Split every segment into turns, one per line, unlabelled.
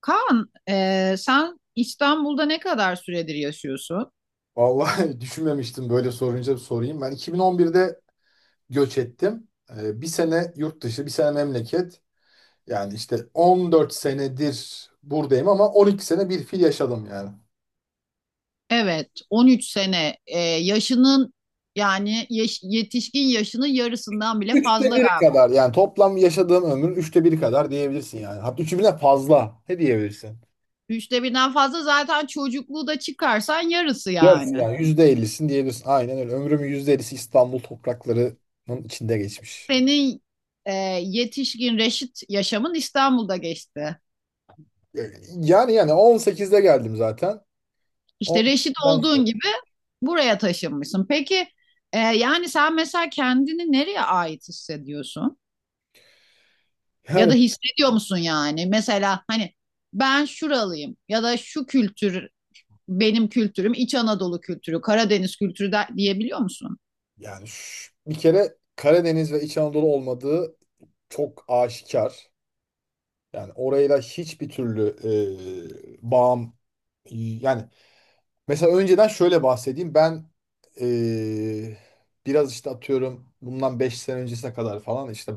Kaan, sen İstanbul'da ne kadar süredir yaşıyorsun?
Vallahi düşünmemiştim böyle sorunca sorayım. Ben 2011'de göç ettim. Bir sene yurt dışı, bir sene memleket. Yani işte 14 senedir buradayım ama 12 sene bir fil yaşadım yani.
Evet, 13 sene. Yaşının yetişkin yaşının yarısından bile
Üçte
fazla
biri
galiba.
kadar yani toplam yaşadığım ömrün üçte biri kadar diyebilirsin yani. Hatta üçü bile fazla. Ne diyebilirsin?
Üçte birden fazla, zaten çocukluğu da çıkarsan yarısı
Yarısı
yani.
yani %50'sin diyebilirsin. Aynen öyle. Ömrümün %50'si İstanbul topraklarının içinde geçmiş.
Senin e, yetişkin reşit yaşamın İstanbul'da geçti.
Yani 18'de geldim zaten.
İşte reşit
18'den
olduğun
sonra.
gibi buraya taşınmışsın. Peki yani sen mesela kendini nereye ait hissediyorsun? Ya da
Yani
hissediyor musun yani? Mesela hani ben şuralıyım ya da şu kültür benim kültürüm İç Anadolu kültürü, Karadeniz kültürü de, diyebiliyor musun?
Yani, bir kere Karadeniz ve İç Anadolu olmadığı çok aşikar. Yani orayla hiçbir türlü bağım yani mesela önceden şöyle bahsedeyim. Ben e, biraz işte atıyorum bundan 5 sene öncesine kadar falan işte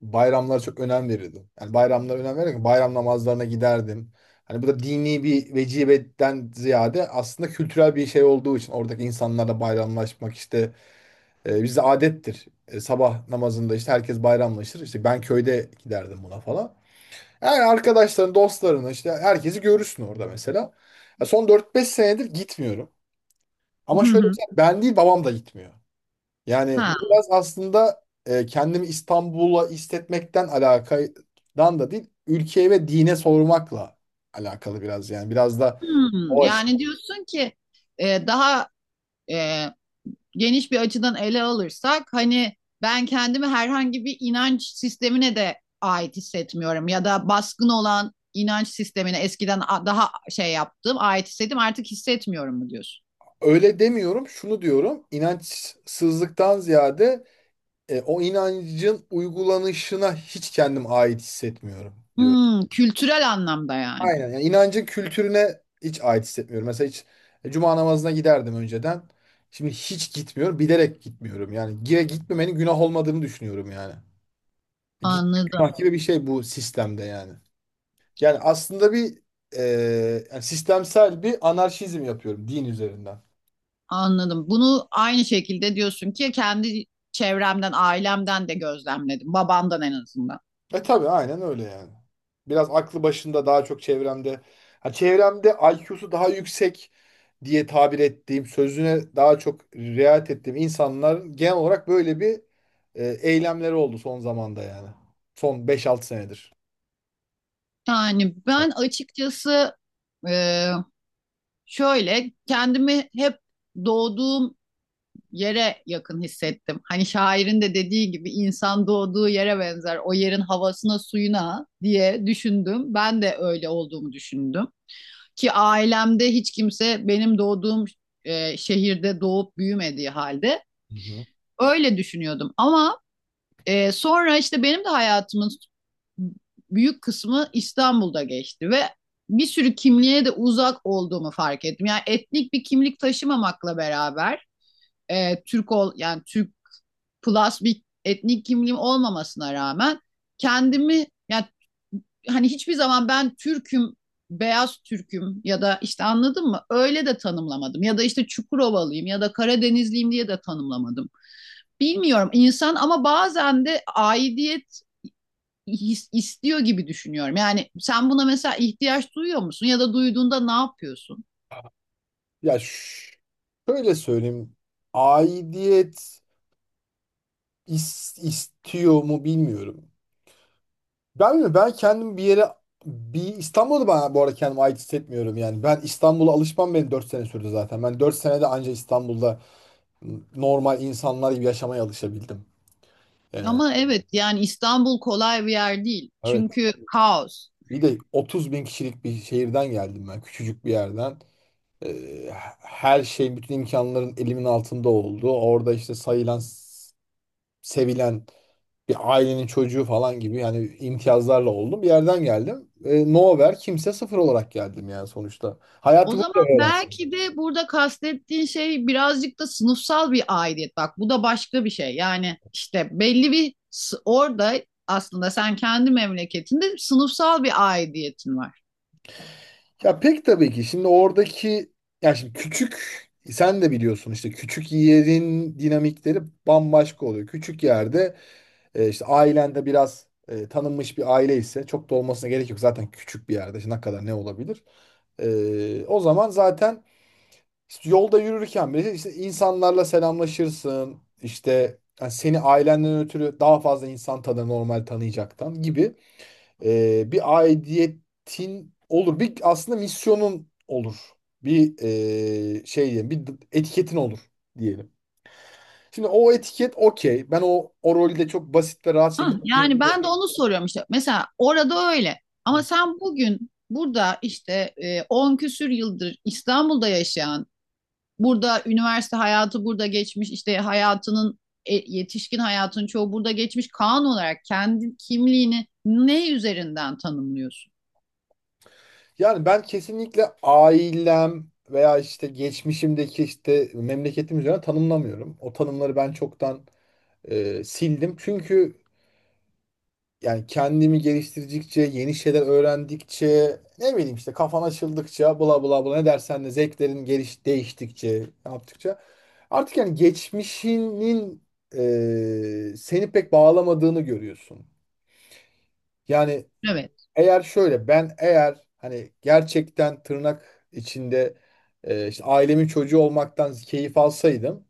bayramlara çok önem verirdim. Yani bayramlara önem verirken bayram namazlarına giderdim. Hani bu da dini bir vecibeden ziyade aslında kültürel bir şey olduğu için oradaki insanlarla bayramlaşmak işte bizde adettir. Sabah namazında işte herkes bayramlaşır. İşte ben köyde giderdim buna falan. Yani arkadaşların, dostlarını işte herkesi görürsün orada mesela. Ya son 4-5 senedir gitmiyorum. Ama
Hı
şöyle bir
hı.
şey, ben değil babam da gitmiyor. Yani
Ha.
bu biraz aslında kendimi İstanbul'a hissetmekten alakadan da değil, ülkeye ve dine sormakla alakalı biraz yani. Biraz da
Hmm,
o açıdan.
yani diyorsun ki daha e, geniş bir açıdan ele alırsak hani ben kendimi herhangi bir inanç sistemine de ait hissetmiyorum ya da baskın olan inanç sistemine eskiden daha şey yaptım ait hissettim artık hissetmiyorum mu diyorsun?
Öyle demiyorum, şunu diyorum. İnançsızlıktan ziyade o inancın uygulanışına hiç kendim ait hissetmiyorum diyorum.
Hmm, kültürel anlamda yani.
Aynen. Yani inancın kültürüne hiç ait hissetmiyorum. Mesela hiç cuma namazına giderdim önceden. Şimdi hiç gitmiyorum. Bilerek gitmiyorum. Yani gire gitmemenin günah olmadığını düşünüyorum yani. Gitmek günah
Anladım.
gibi bir şey bu sistemde yani. Yani aslında bir e, yani sistemsel bir anarşizm yapıyorum din üzerinden.
Anladım. Bunu aynı şekilde diyorsun ki kendi çevremden, ailemden de gözlemledim. Babamdan en azından.
E tabii aynen öyle yani. Biraz aklı başında daha çok çevremde. Ha, çevremde IQ'su daha yüksek diye tabir ettiğim, sözüne daha çok riayet ettiğim insanların genel olarak böyle bir eylemleri oldu son zamanda yani. Son 5-6 senedir.
Yani ben açıkçası e, şöyle kendimi hep doğduğum yere yakın hissettim. Hani şairin de dediği gibi insan doğduğu yere benzer. O yerin havasına, suyuna diye düşündüm. Ben de öyle olduğumu düşündüm. Ki ailemde hiç kimse benim doğduğum şehirde doğup büyümediği halde
Hı hı.
öyle düşünüyordum. Ama sonra işte benim de hayatımın büyük kısmı İstanbul'da geçti ve bir sürü kimliğe de uzak olduğumu fark ettim. Yani etnik bir kimlik taşımamakla beraber Türk ol yani Türk plus bir etnik kimliğim olmamasına rağmen kendimi yani hani hiçbir zaman ben Türk'üm, beyaz Türk'üm ya da işte anladın mı? Öyle de tanımlamadım. Ya da işte Çukurovalıyım ya da Karadenizliyim diye de tanımlamadım. Bilmiyorum, insan ama bazen de aidiyet istiyor gibi düşünüyorum. Yani sen buna mesela ihtiyaç duyuyor musun ya da duyduğunda ne yapıyorsun?
Ya şöyle söyleyeyim. Aidiyet istiyor mu bilmiyorum. Ben mi? Ben kendim bir yere bir İstanbul'da ben bu arada kendimi ait hissetmiyorum yani. Ben İstanbul'a alışmam benim 4 sene sürdü zaten. Ben 4 senede anca İstanbul'da normal insanlar gibi yaşamaya alışabildim. Ee,
Ama evet, yani İstanbul kolay bir yer değil.
evet.
Çünkü kaos.
Bir de 30 bin kişilik bir şehirden geldim ben. Küçücük bir yerden. Ee, her şey, bütün imkanların elimin altında oldu. Orada işte sayılan, sevilen bir ailenin çocuğu falan gibi yani imtiyazlarla oldum. Bir yerden geldim. Nowhere kimse sıfır olarak geldim yani sonuçta.
O
Hayatı burada
zaman
öğrendim.
belki de burada kastettiğin şey birazcık da sınıfsal bir aidiyet. Bak, bu da başka bir şey. Yani işte orada aslında sen kendi memleketinde sınıfsal bir aidiyetin var.
Ya pek tabii ki şimdi oradaki ya şimdi küçük sen de biliyorsun işte küçük yerin dinamikleri bambaşka oluyor. Küçük yerde işte ailende biraz tanınmış bir aile ise çok da olmasına gerek yok. Zaten küçük bir yerde işte ne kadar ne olabilir? O zaman zaten İşte yolda yürürken bile işte insanlarla selamlaşırsın. İşte yani seni ailenden ötürü daha fazla insan tanır normal tanıyacaktan gibi bir aidiyetin olur. Bir aslında misyonun olur. Bir şey diyelim, bir etiketin olur diyelim. Şimdi o etiket okey. Ben o, o rolü de çok basit ve rahat şekilde
Yani
oynayabiliyorum.
ben de onu soruyorum işte. Mesela orada öyle. Ama
Hı.
sen bugün burada işte 10 küsür yıldır İstanbul'da yaşayan, burada üniversite hayatı burada geçmiş, işte hayatının yetişkin hayatının çoğu burada geçmiş kanun olarak kendi kimliğini ne üzerinden tanımlıyorsun?
Yani ben kesinlikle ailem veya işte geçmişimdeki işte memleketim üzerine tanımlamıyorum. O tanımları ben çoktan sildim. Çünkü yani kendimi geliştirdikçe, yeni şeyler öğrendikçe, ne bileyim işte kafan açıldıkça, bla bla bla ne dersen de zevklerin geliş değiştikçe, yaptıkça artık yani geçmişinin seni pek bağlamadığını görüyorsun. Yani
Evet.
eğer şöyle ben eğer hani gerçekten tırnak içinde işte ailemin çocuğu olmaktan keyif alsaydım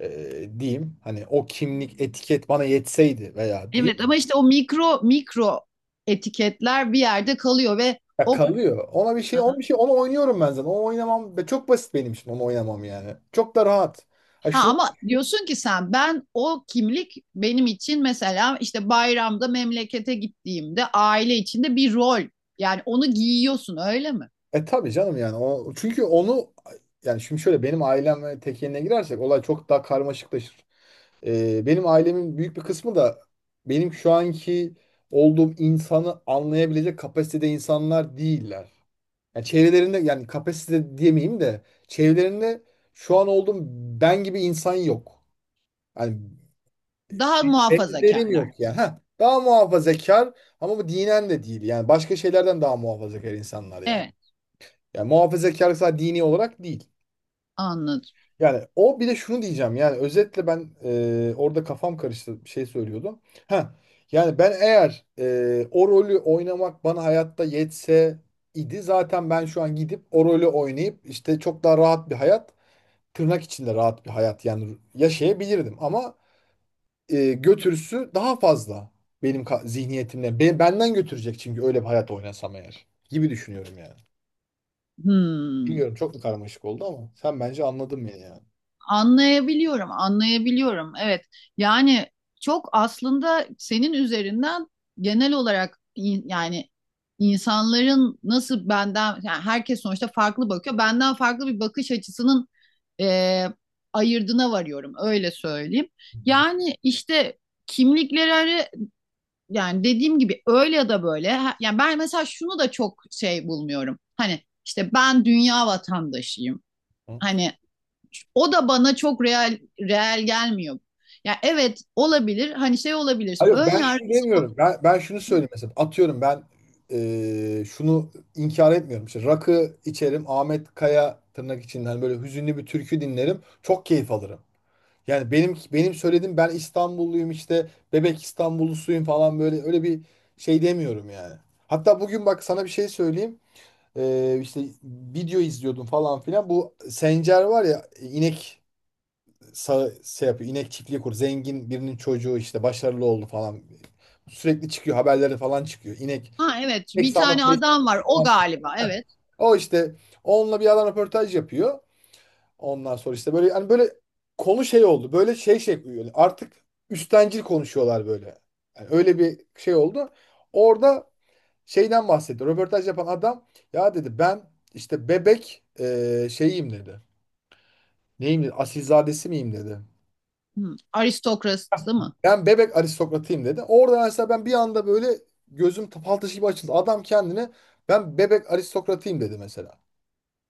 diyeyim hani o kimlik etiket bana yetseydi veya diyeyim
Evet ama işte o mikro etiketler bir yerde kalıyor ve
ya
o.
kalıyor. Ona bir şey ona bir şey onu oynuyorum ben zaten. Onu oynamam ve çok basit benim için onu oynamam yani. Çok da rahat. Ha,
Ha
şunu
ama diyorsun ki sen, ben o kimlik benim için mesela işte bayramda memlekete gittiğimde aile içinde bir rol. Yani onu giyiyorsun öyle mi?
e tabii canım yani o çünkü onu yani şimdi şöyle benim ailem ve tekeline girersek olay çok daha karmaşıklaşır. Benim ailemin büyük bir kısmı da benim şu anki olduğum insanı anlayabilecek kapasitede insanlar değiller. Yani çevrelerinde yani kapasite diyemeyeyim de çevrelerinde şu an olduğum ben gibi insan yok. Yani
Daha
benzerim
muhafazakarlar.
yok yani. Heh, daha muhafazakar ama bu dinen de değil. Yani başka şeylerden daha muhafazakar insanlar yani.
Evet,
Yani muhafazakar sadece dini olarak değil.
anladım.
Yani o bir de şunu diyeceğim yani özetle ben orada kafam karıştı bir şey söylüyordum. Ha yani ben eğer o rolü oynamak bana hayatta yetse idi zaten ben şu an gidip o rolü oynayıp işte çok daha rahat bir hayat tırnak içinde rahat bir hayat yani yaşayabilirdim ama götürüsü daha fazla benim zihniyetimle benden götürecek çünkü öyle bir hayat oynasam eğer gibi düşünüyorum yani.
Hmm.
Bilmiyorum çok mu karmaşık oldu ama sen bence anladın beni yani.
Anlayabiliyorum, anlayabiliyorum. Evet. Yani çok aslında senin üzerinden genel olarak yani insanların nasıl benden yani herkes sonuçta farklı bakıyor. Benden farklı bir bakış açısının e, ayırdına varıyorum, öyle söyleyeyim.
Hı hı.
Yani işte kimlikleri arı- yani dediğim gibi öyle ya da böyle. Yani ben mesela şunu da çok şey bulmuyorum. Hani işte ben dünya vatandaşıyım. Hani o da bana çok real gelmiyor. Ya evet, olabilir. Hani şey olabilir.
Hayır yok,
Ön
ben şunu
yargısı.
demiyorum. Ben şunu söyleyeyim mesela. Atıyorum ben şunu inkar etmiyorum. İşte rakı içerim. Ahmet Kaya tırnak içinden böyle hüzünlü bir türkü dinlerim. Çok keyif alırım. Yani benim söylediğim ben İstanbulluyum işte bebek İstanbullusuyum falan böyle öyle bir şey demiyorum yani. Hatta bugün bak sana bir şey söyleyeyim. İşte video izliyordum falan filan. Bu Sencer var ya inek şey yapıyor. İnek çiftliği kur. Zengin birinin çocuğu işte başarılı oldu falan. Sürekli çıkıyor. Haberleri falan çıkıyor. İnek.
Ha evet,
İnek
bir
sağma
tane
tesisi
adam var o
falan.
galiba, evet.
O işte onunla bir adam röportaj yapıyor. Ondan sonra işte böyle hani böyle konu şey oldu. Böyle şey yani artık üstencil konuşuyorlar böyle. Yani öyle bir şey oldu. Orada şeyden bahsetti. Röportaj yapan adam ya dedi ben işte bebek şeyiyim dedi. Neyim dedi? Asilzadesi miyim dedi.
Hmm. Aristokrasi mı?
Ben bebek aristokratıyım dedi. Orada mesela ben bir anda böyle gözüm fal taşı gibi açıldı. Adam kendine ben bebek aristokratıyım dedi mesela.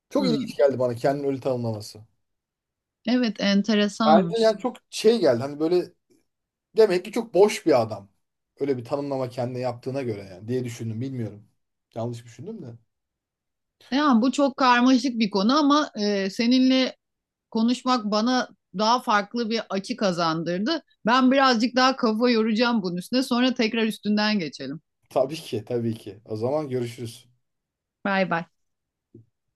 Çok
Hmm.
ilginç geldi bana kendini öyle tanımlaması.
Evet,
Ben,
enteresanmış.
Yani çok şey geldi hani böyle demek ki çok boş bir adam. Öyle bir tanımlama kendine yaptığına göre yani diye düşündüm bilmiyorum. Yanlış düşündüm de.
Yani bu çok karmaşık bir konu ama seninle konuşmak bana daha farklı bir açı kazandırdı. Ben birazcık daha kafa yoracağım bunun üstüne. Sonra tekrar üstünden geçelim.
Tabii ki tabii ki. O zaman görüşürüz.
Bay bay.